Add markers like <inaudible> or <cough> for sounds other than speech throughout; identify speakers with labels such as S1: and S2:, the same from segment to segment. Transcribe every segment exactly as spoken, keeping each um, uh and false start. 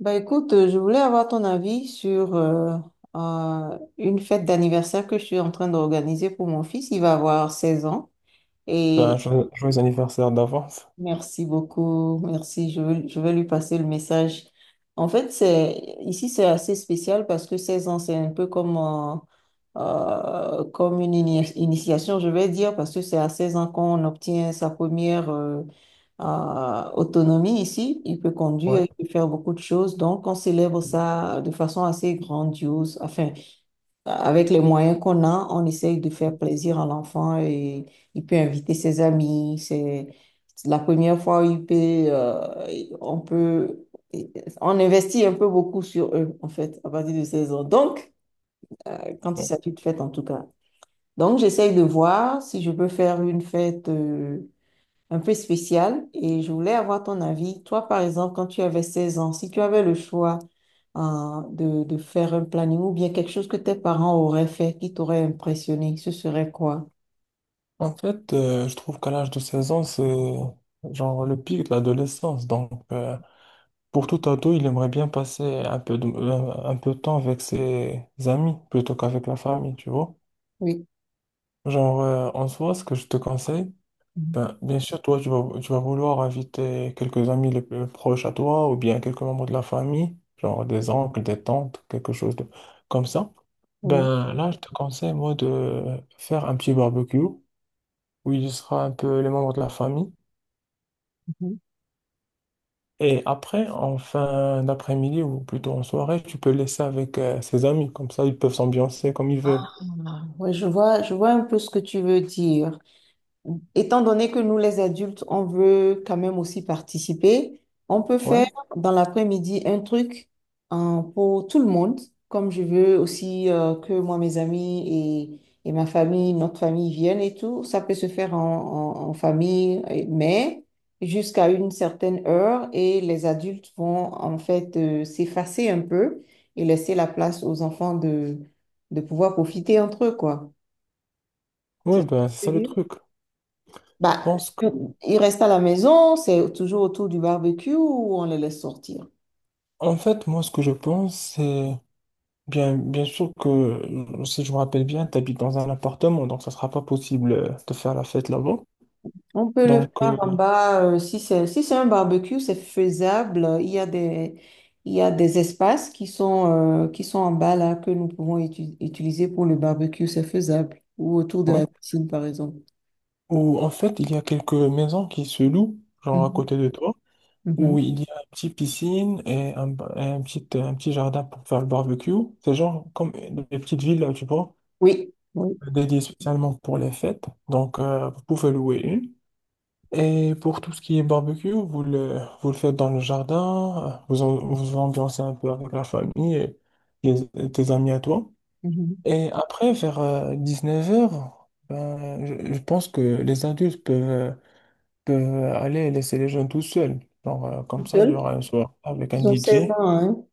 S1: Bah écoute, euh, je voulais avoir ton avis sur euh, euh, une fête d'anniversaire que je suis en train d'organiser pour mon fils. Il va avoir seize ans
S2: Ben,
S1: et.
S2: jo- joyeux anniversaire d'avance.
S1: Merci beaucoup, merci. Je veux, je vais lui passer le message. En fait, c'est ici, c'est assez spécial parce que seize ans, c'est un peu comme euh, euh, comme une ini- initiation, je vais dire, parce que c'est à seize ans qu'on obtient sa première euh, euh, autonomie ici. Il peut conduire,
S2: Ouais.
S1: il peut faire beaucoup de choses. Donc, on célèbre ça de façon assez grandiose. Enfin, avec les moyens qu'on a, on essaye de faire plaisir à l'enfant et il peut inviter ses amis. C'est la première fois où il peut, euh, on peut, on investit un peu beaucoup sur eux, en fait, à partir de seize ans. Donc, euh, quand il
S2: Ouais.
S1: s'agit de fête, en tout cas. Donc, j'essaye de voir si je peux faire une fête euh, un peu spécial et je voulais avoir ton avis. Toi, par exemple, quand tu avais seize ans, si tu avais le choix, hein, de, de faire un planning ou bien quelque chose que tes parents auraient fait qui t'aurait impressionné, ce serait quoi?
S2: En fait, euh, je trouve qu'à l'âge de seize ans, c'est genre le pic de l'adolescence. Donc, euh, pour tout ado, il aimerait bien passer un peu de, euh, un peu de temps avec ses amis plutôt qu'avec la famille, tu vois.
S1: Oui.
S2: Genre, euh, en soi, ce que je te conseille,
S1: Mhm.
S2: ben, bien sûr, toi, tu vas, tu vas vouloir inviter quelques amis les plus proches à toi ou bien quelques membres de la famille, genre des oncles, des tantes, quelque chose de, comme ça.
S1: Oui.
S2: Ben, là, je te conseille, moi, de faire un petit barbecue où il y sera un peu les membres de la famille.
S1: Mhm.
S2: Et après, en fin d'après-midi ou plutôt en soirée, tu peux laisser avec euh, ses amis. Comme ça, ils peuvent s'ambiancer comme ils veulent.
S1: Ah, ouais, je vois, je vois un peu ce que tu veux dire. Étant donné que nous, les adultes, on veut quand même aussi participer, on peut
S2: Ouais,
S1: faire dans l'après-midi un truc, hein, pour tout le monde, comme je veux aussi euh, que moi, mes amis et, et ma famille, notre famille viennent et tout. Ça peut se faire en, en- en famille, et- mais jusqu'à une certaine heure et les adultes vont en fait euh, s'effacer un peu et laisser la place aux enfants de, de pouvoir profiter entre eux, quoi. C'est
S2: ouais,
S1: ce que
S2: ben, c'est
S1: je
S2: ça
S1: veux
S2: le
S1: dire.
S2: truc. Je
S1: Bah,
S2: pense que...
S1: tout- ils restent à la maison, c'est toujours autour du barbecue ou on les laisse sortir?
S2: En fait, moi, ce que je pense, c'est... Bien, bien sûr que, euh, si je me rappelle bien, tu habites dans un appartement, donc ça sera pas possible euh, de faire la fête là-bas.
S1: On peut le
S2: Donc,
S1: faire
S2: euh,
S1: en bas, euh, si c'est si c'est un barbecue, c'est faisable. Il y a des, il y a des espaces qui sont, euh, qui sont en bas là que nous pouvons utu- utiliser pour le barbecue, c'est faisable. Ou autour de
S2: ouais.
S1: la piscine, par exemple.
S2: Ou en fait, il y a quelques maisons qui se louent, genre à
S1: Mhm,
S2: côté de toi,
S1: mhm.
S2: où il y a une petite piscine et un, ba- et un petit, un petit jardin pour faire le barbecue. C'est genre comme des petites villes, tu vois,
S1: Oui, oui.
S2: dédiées spécialement pour les fêtes. Donc, euh, vous pouvez louer une. Et pour tout ce qui est barbecue, vous le, vous le faites dans le jardin, vous en- vous ambiancez un peu avec la famille et les- tes amis à toi.
S1: Mhm.
S2: Et après, vers dix-neuf heures, ben, je, je pense que les adultes peuvent, peuvent aller laisser les jeunes tout seuls. Genre, euh,
S1: Tout
S2: comme ça, il y
S1: seul?
S2: aura un soir avec un
S1: Ils ont seize
S2: D J.
S1: ans, hein?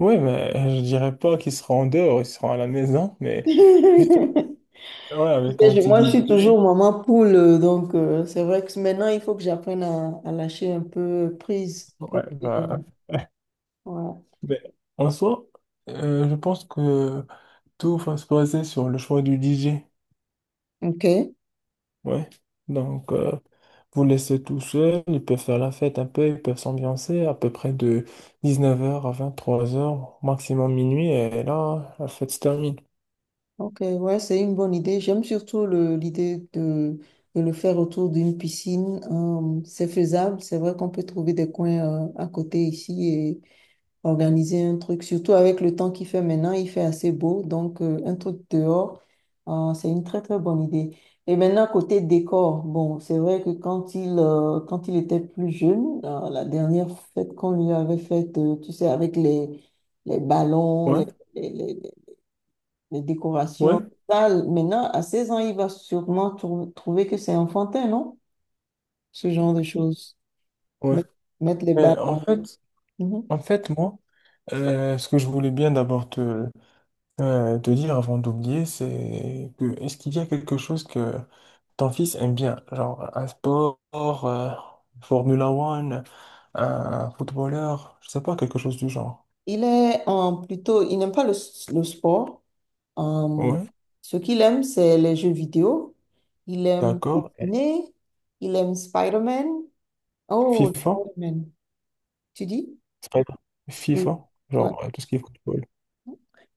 S2: Oui, mais je dirais pas qu'ils seront en dehors, ils seront à la maison, mais juste
S1: <laughs>
S2: ouais,
S1: Tu
S2: avec
S1: sais,
S2: un
S1: je-
S2: petit
S1: moi, je suis
S2: D J.
S1: toujours maman poule, euh, donc euh, c'est vrai que maintenant, il faut que j'apprenne à, à lâcher un peu prise.
S2: Ouais,
S1: Pour que, euh,
S2: bah, <laughs>
S1: voilà.
S2: mais en soi, euh, je pense que. Tout va se baser sur le choix du D J.
S1: Ok,
S2: Ouais. Donc, euh, vous laissez tout seul, ils peuvent faire la fête un peu, ils peuvent s'ambiancer à peu près de dix-neuf heures à vingt-trois heures, maximum minuit, et là, la fête se termine.
S1: ok, ouais, c'est une bonne idée. J'aime surtout le- l'idée de, de le faire autour d'une piscine. Euh, c'est faisable, c'est vrai qu'on peut trouver des coins euh, à côté ici, organiser un truc, surtout avec le temps qu'il fait maintenant, il fait assez beau, donc euh, un truc dehors, euh, c'est une très très bonne idée. Et maintenant, côté décor, bon, c'est vrai que quand il, euh, quand il était plus jeune, euh, la dernière fête qu'on lui avait faite, euh, tu sais, avec les, les ballons, les,
S2: Ouais,
S1: les, les- les
S2: ouais,
S1: décorations, ça, maintenant, à seize ans, il va sûrement trou- trouver que c'est enfantin, non? Ce genre de choses.
S2: ouais.
S1: Mettre, mettre les
S2: Et en
S1: ballons.
S2: fait,
S1: Mhm.
S2: en fait, moi, euh, ce que je voulais bien d'abord te, euh, te dire avant d'oublier, c'est que est-ce qu'il y a quelque chose que ton fils aime bien, genre, un sport, euh, Formula One, un footballeur, je sais pas, quelque chose du genre.
S1: Il est en plutôt, il n'aime pas le, s- le sport. Euh,
S2: Ouais,
S1: Ce qu'il aime, c'est les jeux vidéo. Il aime
S2: d'accord. Et
S1: dessiner. Il aime Spider-Man. Oh,
S2: FIFA,
S1: Spider-Man. Tu dis?
S2: c'est pas grave.
S1: Oui.
S2: FIFA,
S1: Ouais.
S2: genre, euh, tout ce qui est football.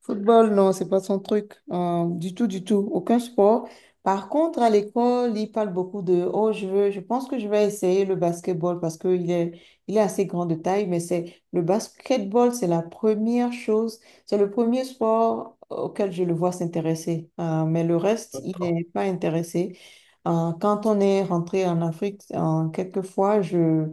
S1: Football, non, c'est pas son truc. Euh, du tout, du tout. Aucun sport. Par contre, à l'école, il parle beaucoup de, oh, je veux, je pense que je vais essayer le basketball parce qu'il est, il est assez grand de taille, mais c'est le basketball, c'est la première chose, c'est le premier sport auquel je le vois s'intéresser. Euh, mais le reste, il n'est pas intéressé. Euh, quand on est rentré en Afrique, euh, quelquefois, je,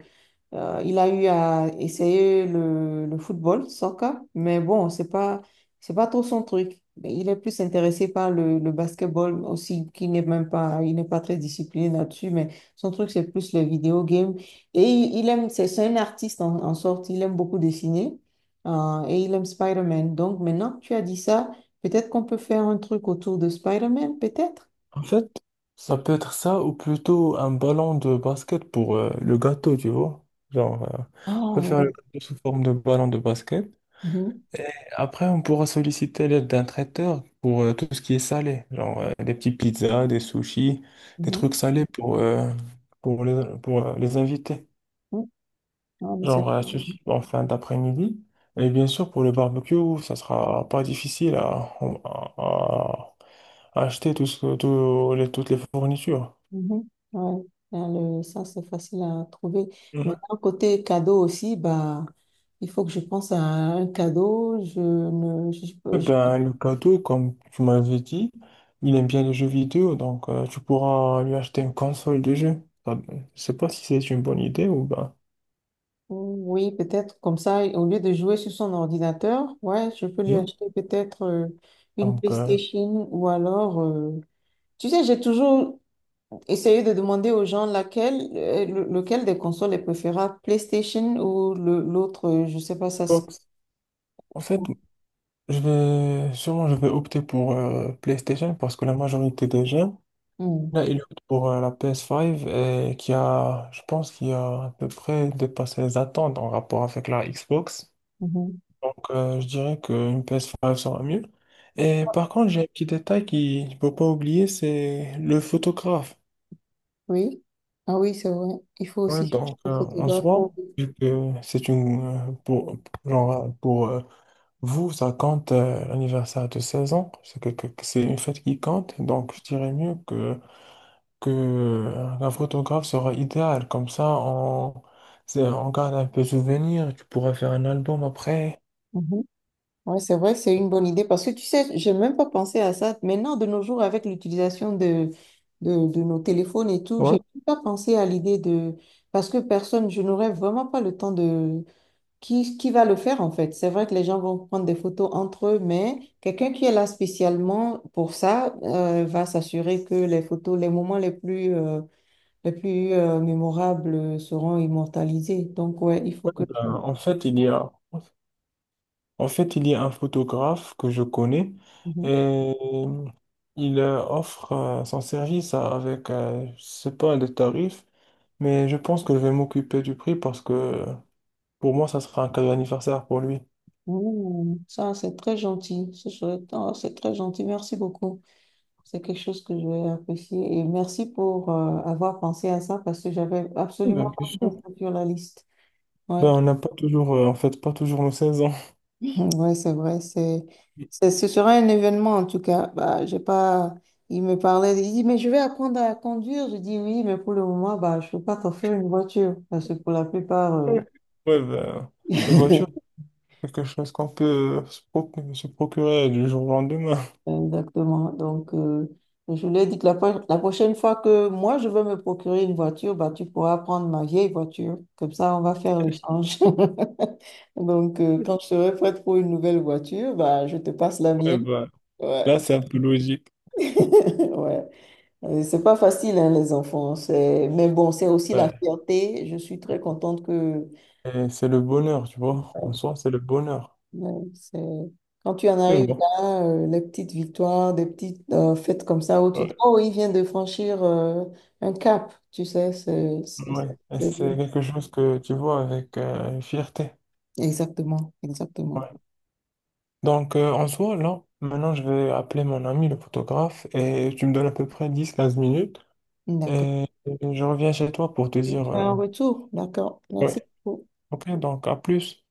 S1: euh, il a eu à essayer le, le football, soccer, mais bon, c'est pas, c'est pas trop son truc. Mais il est plus intéressé par le, le basketball aussi, qui n'est même pas, il n'est pas très discipliné là-dessus, mais son truc, c'est plus les vidéo games. Et il, il aime, c'est c'est un artiste en, en sorte, il aime beaucoup dessiner, euh, et il aime Spider-Man. Donc maintenant que tu as dit ça, peut-être qu'on peut faire un truc autour de Spider-Man, peut-être?
S2: En fait, ça peut être ça ou plutôt un ballon de basket pour euh, le gâteau, tu vois. Genre, euh, on
S1: Ah,
S2: peut faire le
S1: ouais.
S2: gâteau sous forme de ballon de basket.
S1: Mhm,
S2: Et après, on pourra solliciter l'aide d'un traiteur pour euh, tout ce qui est salé, genre euh, des petits pizzas, des sushis, des
S1: mhm,
S2: trucs salés pour, euh, pour les, pour euh, les invités.
S1: mhm. Ah, mais c'est.
S2: Genre euh, sushi en fin d'après-midi. Et bien sûr, pour le barbecue, ça sera pas difficile à, à- à acheter tout ce- tout les- toutes les fournitures.
S1: Mhm. Ouais. Là, le- ça, c'est facile à trouver. Mais un côté cadeau aussi, bah, il faut que je pense à un cadeau. Je ne, je-
S2: Eh
S1: je- je-
S2: ben, le cadeau, comme tu m'avais dit, il aime bien les jeux vidéo, donc euh, tu pourras lui acheter une console de jeu. Ah ben, je sais pas si c'est une bonne idée ou ben.
S1: oui, peut-être comme ça, au lieu de jouer sur son ordinateur, ouais, je peux lui
S2: Mhm.
S1: acheter peut-être euh, une
S2: Donc, euh,
S1: PlayStation ou alors, euh, tu sais, j'ai toujours essayé de demander aux gens laquelle, euh, le- lequel des consoles est préférable, PlayStation ou le- l'autre, euh, je sais pas ça. Se-
S2: Xbox. En fait, je vais sûrement je vais opter pour euh, PlayStation parce que la majorité des gens,
S1: hmm.
S2: là, ils optent pour euh, la P S cinq et qui a, je pense, qui a à peu près dépassé les attentes en rapport avec la Xbox.
S1: Mhm.
S2: Donc, euh, je dirais qu'une P S cinq sera mieux. Et par contre, j'ai un petit détail qu'il ne faut pas oublier, c'est le photographe.
S1: Oui. Ah, oui, c'est vrai. Il faut
S2: Ouais,
S1: aussi chercher
S2: donc,
S1: un
S2: euh, en
S1: photographe. Pour-.
S2: soi, vu que c'est une... euh, pour, genre, euh, pour euh, vous, ça compte euh, l'anniversaire de seize ans. C'est que, que- que c'est une fête qui compte. Donc, je dirais mieux que, que euh, la photographe sera idéale. Comme ça, on, c'est- on garde un peu souvenir. Tu pourras faire un album après.
S1: Mhm. Ouais, c'est vrai, c'est une bonne idée parce que tu sais, j'ai même pas pensé à ça. Maintenant, de nos jours, avec l'utilisation de, de, de nos téléphones et tout, j'ai
S2: Ouais.
S1: même pas pensé à l'idée de. Parce que personne, je n'aurais vraiment pas le temps de. Qui, qui va le faire en fait? C'est vrai que les gens vont prendre des photos entre eux, mais quelqu'un qui est là spécialement pour ça euh, va s'assurer que les photos, les moments les plus... euh, les plus euh, mémorables seront immortalisés. Donc, ouais, il faut que. Je-.
S2: Euh, en fait, il y a... En fait, il y a un photographe que je connais
S1: Mhm.
S2: et il euh, offre euh, son service à- avec, euh, je sais pas le tarif, mais je pense que je vais m'occuper du prix parce que pour moi, ça sera un cadeau d'anniversaire pour lui.
S1: Ouh, ça, c'est très gentil. Ce serait- oh, c'est très gentil. Merci beaucoup. C'est quelque chose que je vais apprécier. Et merci pour euh, avoir pensé à ça parce que j'avais absolument
S2: Ben, bien
S1: pas
S2: sûr.
S1: pensé sur la liste. Ouais.
S2: Ben, on n'a pas toujours, euh, en fait, pas toujours nos seize ans.
S1: <laughs> <clears throat> Ouais, c'est vrai. C'est, c'est- ce sera un événement en tout cas. Bah, j'ai pas. Il me parlait. Il dit, mais je vais apprendre à conduire. Je dis oui, mais pour le moment, bah, je peux pas t'offrir une voiture parce que pour la plupart. euh,
S2: <laughs> Ouais, ben, une voiture,
S1: <laughs>
S2: c'est quelque chose qu'on peut se proc- se procurer du jour au lendemain.
S1: Exactement. Donc, euh, je lui ai dit que la, pro- la prochaine fois que moi, je vais me procurer une voiture, bah, tu pourras prendre ma vieille voiture. Comme ça, on va faire l'échange. <laughs> Donc, euh, quand je serai prête pour une nouvelle voiture, bah, je te passe la
S2: Ouais,
S1: mienne.
S2: ben,
S1: Ouais.
S2: là, c'est un peu logique.
S1: <laughs> Ouais. Euh, C'est pas facile, hein, les enfants. C'est. Mais bon, c'est aussi la
S2: Ouais.
S1: fierté. Je suis très contente que.
S2: Et c'est le bonheur, tu vois. En soi, c'est le bonheur.
S1: Ouais, c'est-. Quand tu en
S2: Mais
S1: arrives
S2: bon.
S1: là, euh, les petites victoires, des petites euh, fêtes comme ça où tu dis, oh, il vient de franchir euh, un cap, tu sais, c'est c'est-
S2: Ouais,
S1: ça
S2: et
S1: fait plaisir.
S2: c'est quelque chose que tu vois avec euh, fierté.
S1: Exactement, exactement.
S2: Ouais. Donc, euh, en soi, là, maintenant, je vais appeler mon ami, le photographe, et tu me donnes à peu près dix quinze minutes,
S1: D'accord.
S2: et je reviens chez toi pour te
S1: Et on
S2: dire...
S1: fait
S2: euh,
S1: un retour, d'accord. Merci
S2: ouais.
S1: beaucoup.
S2: Ok, donc à plus.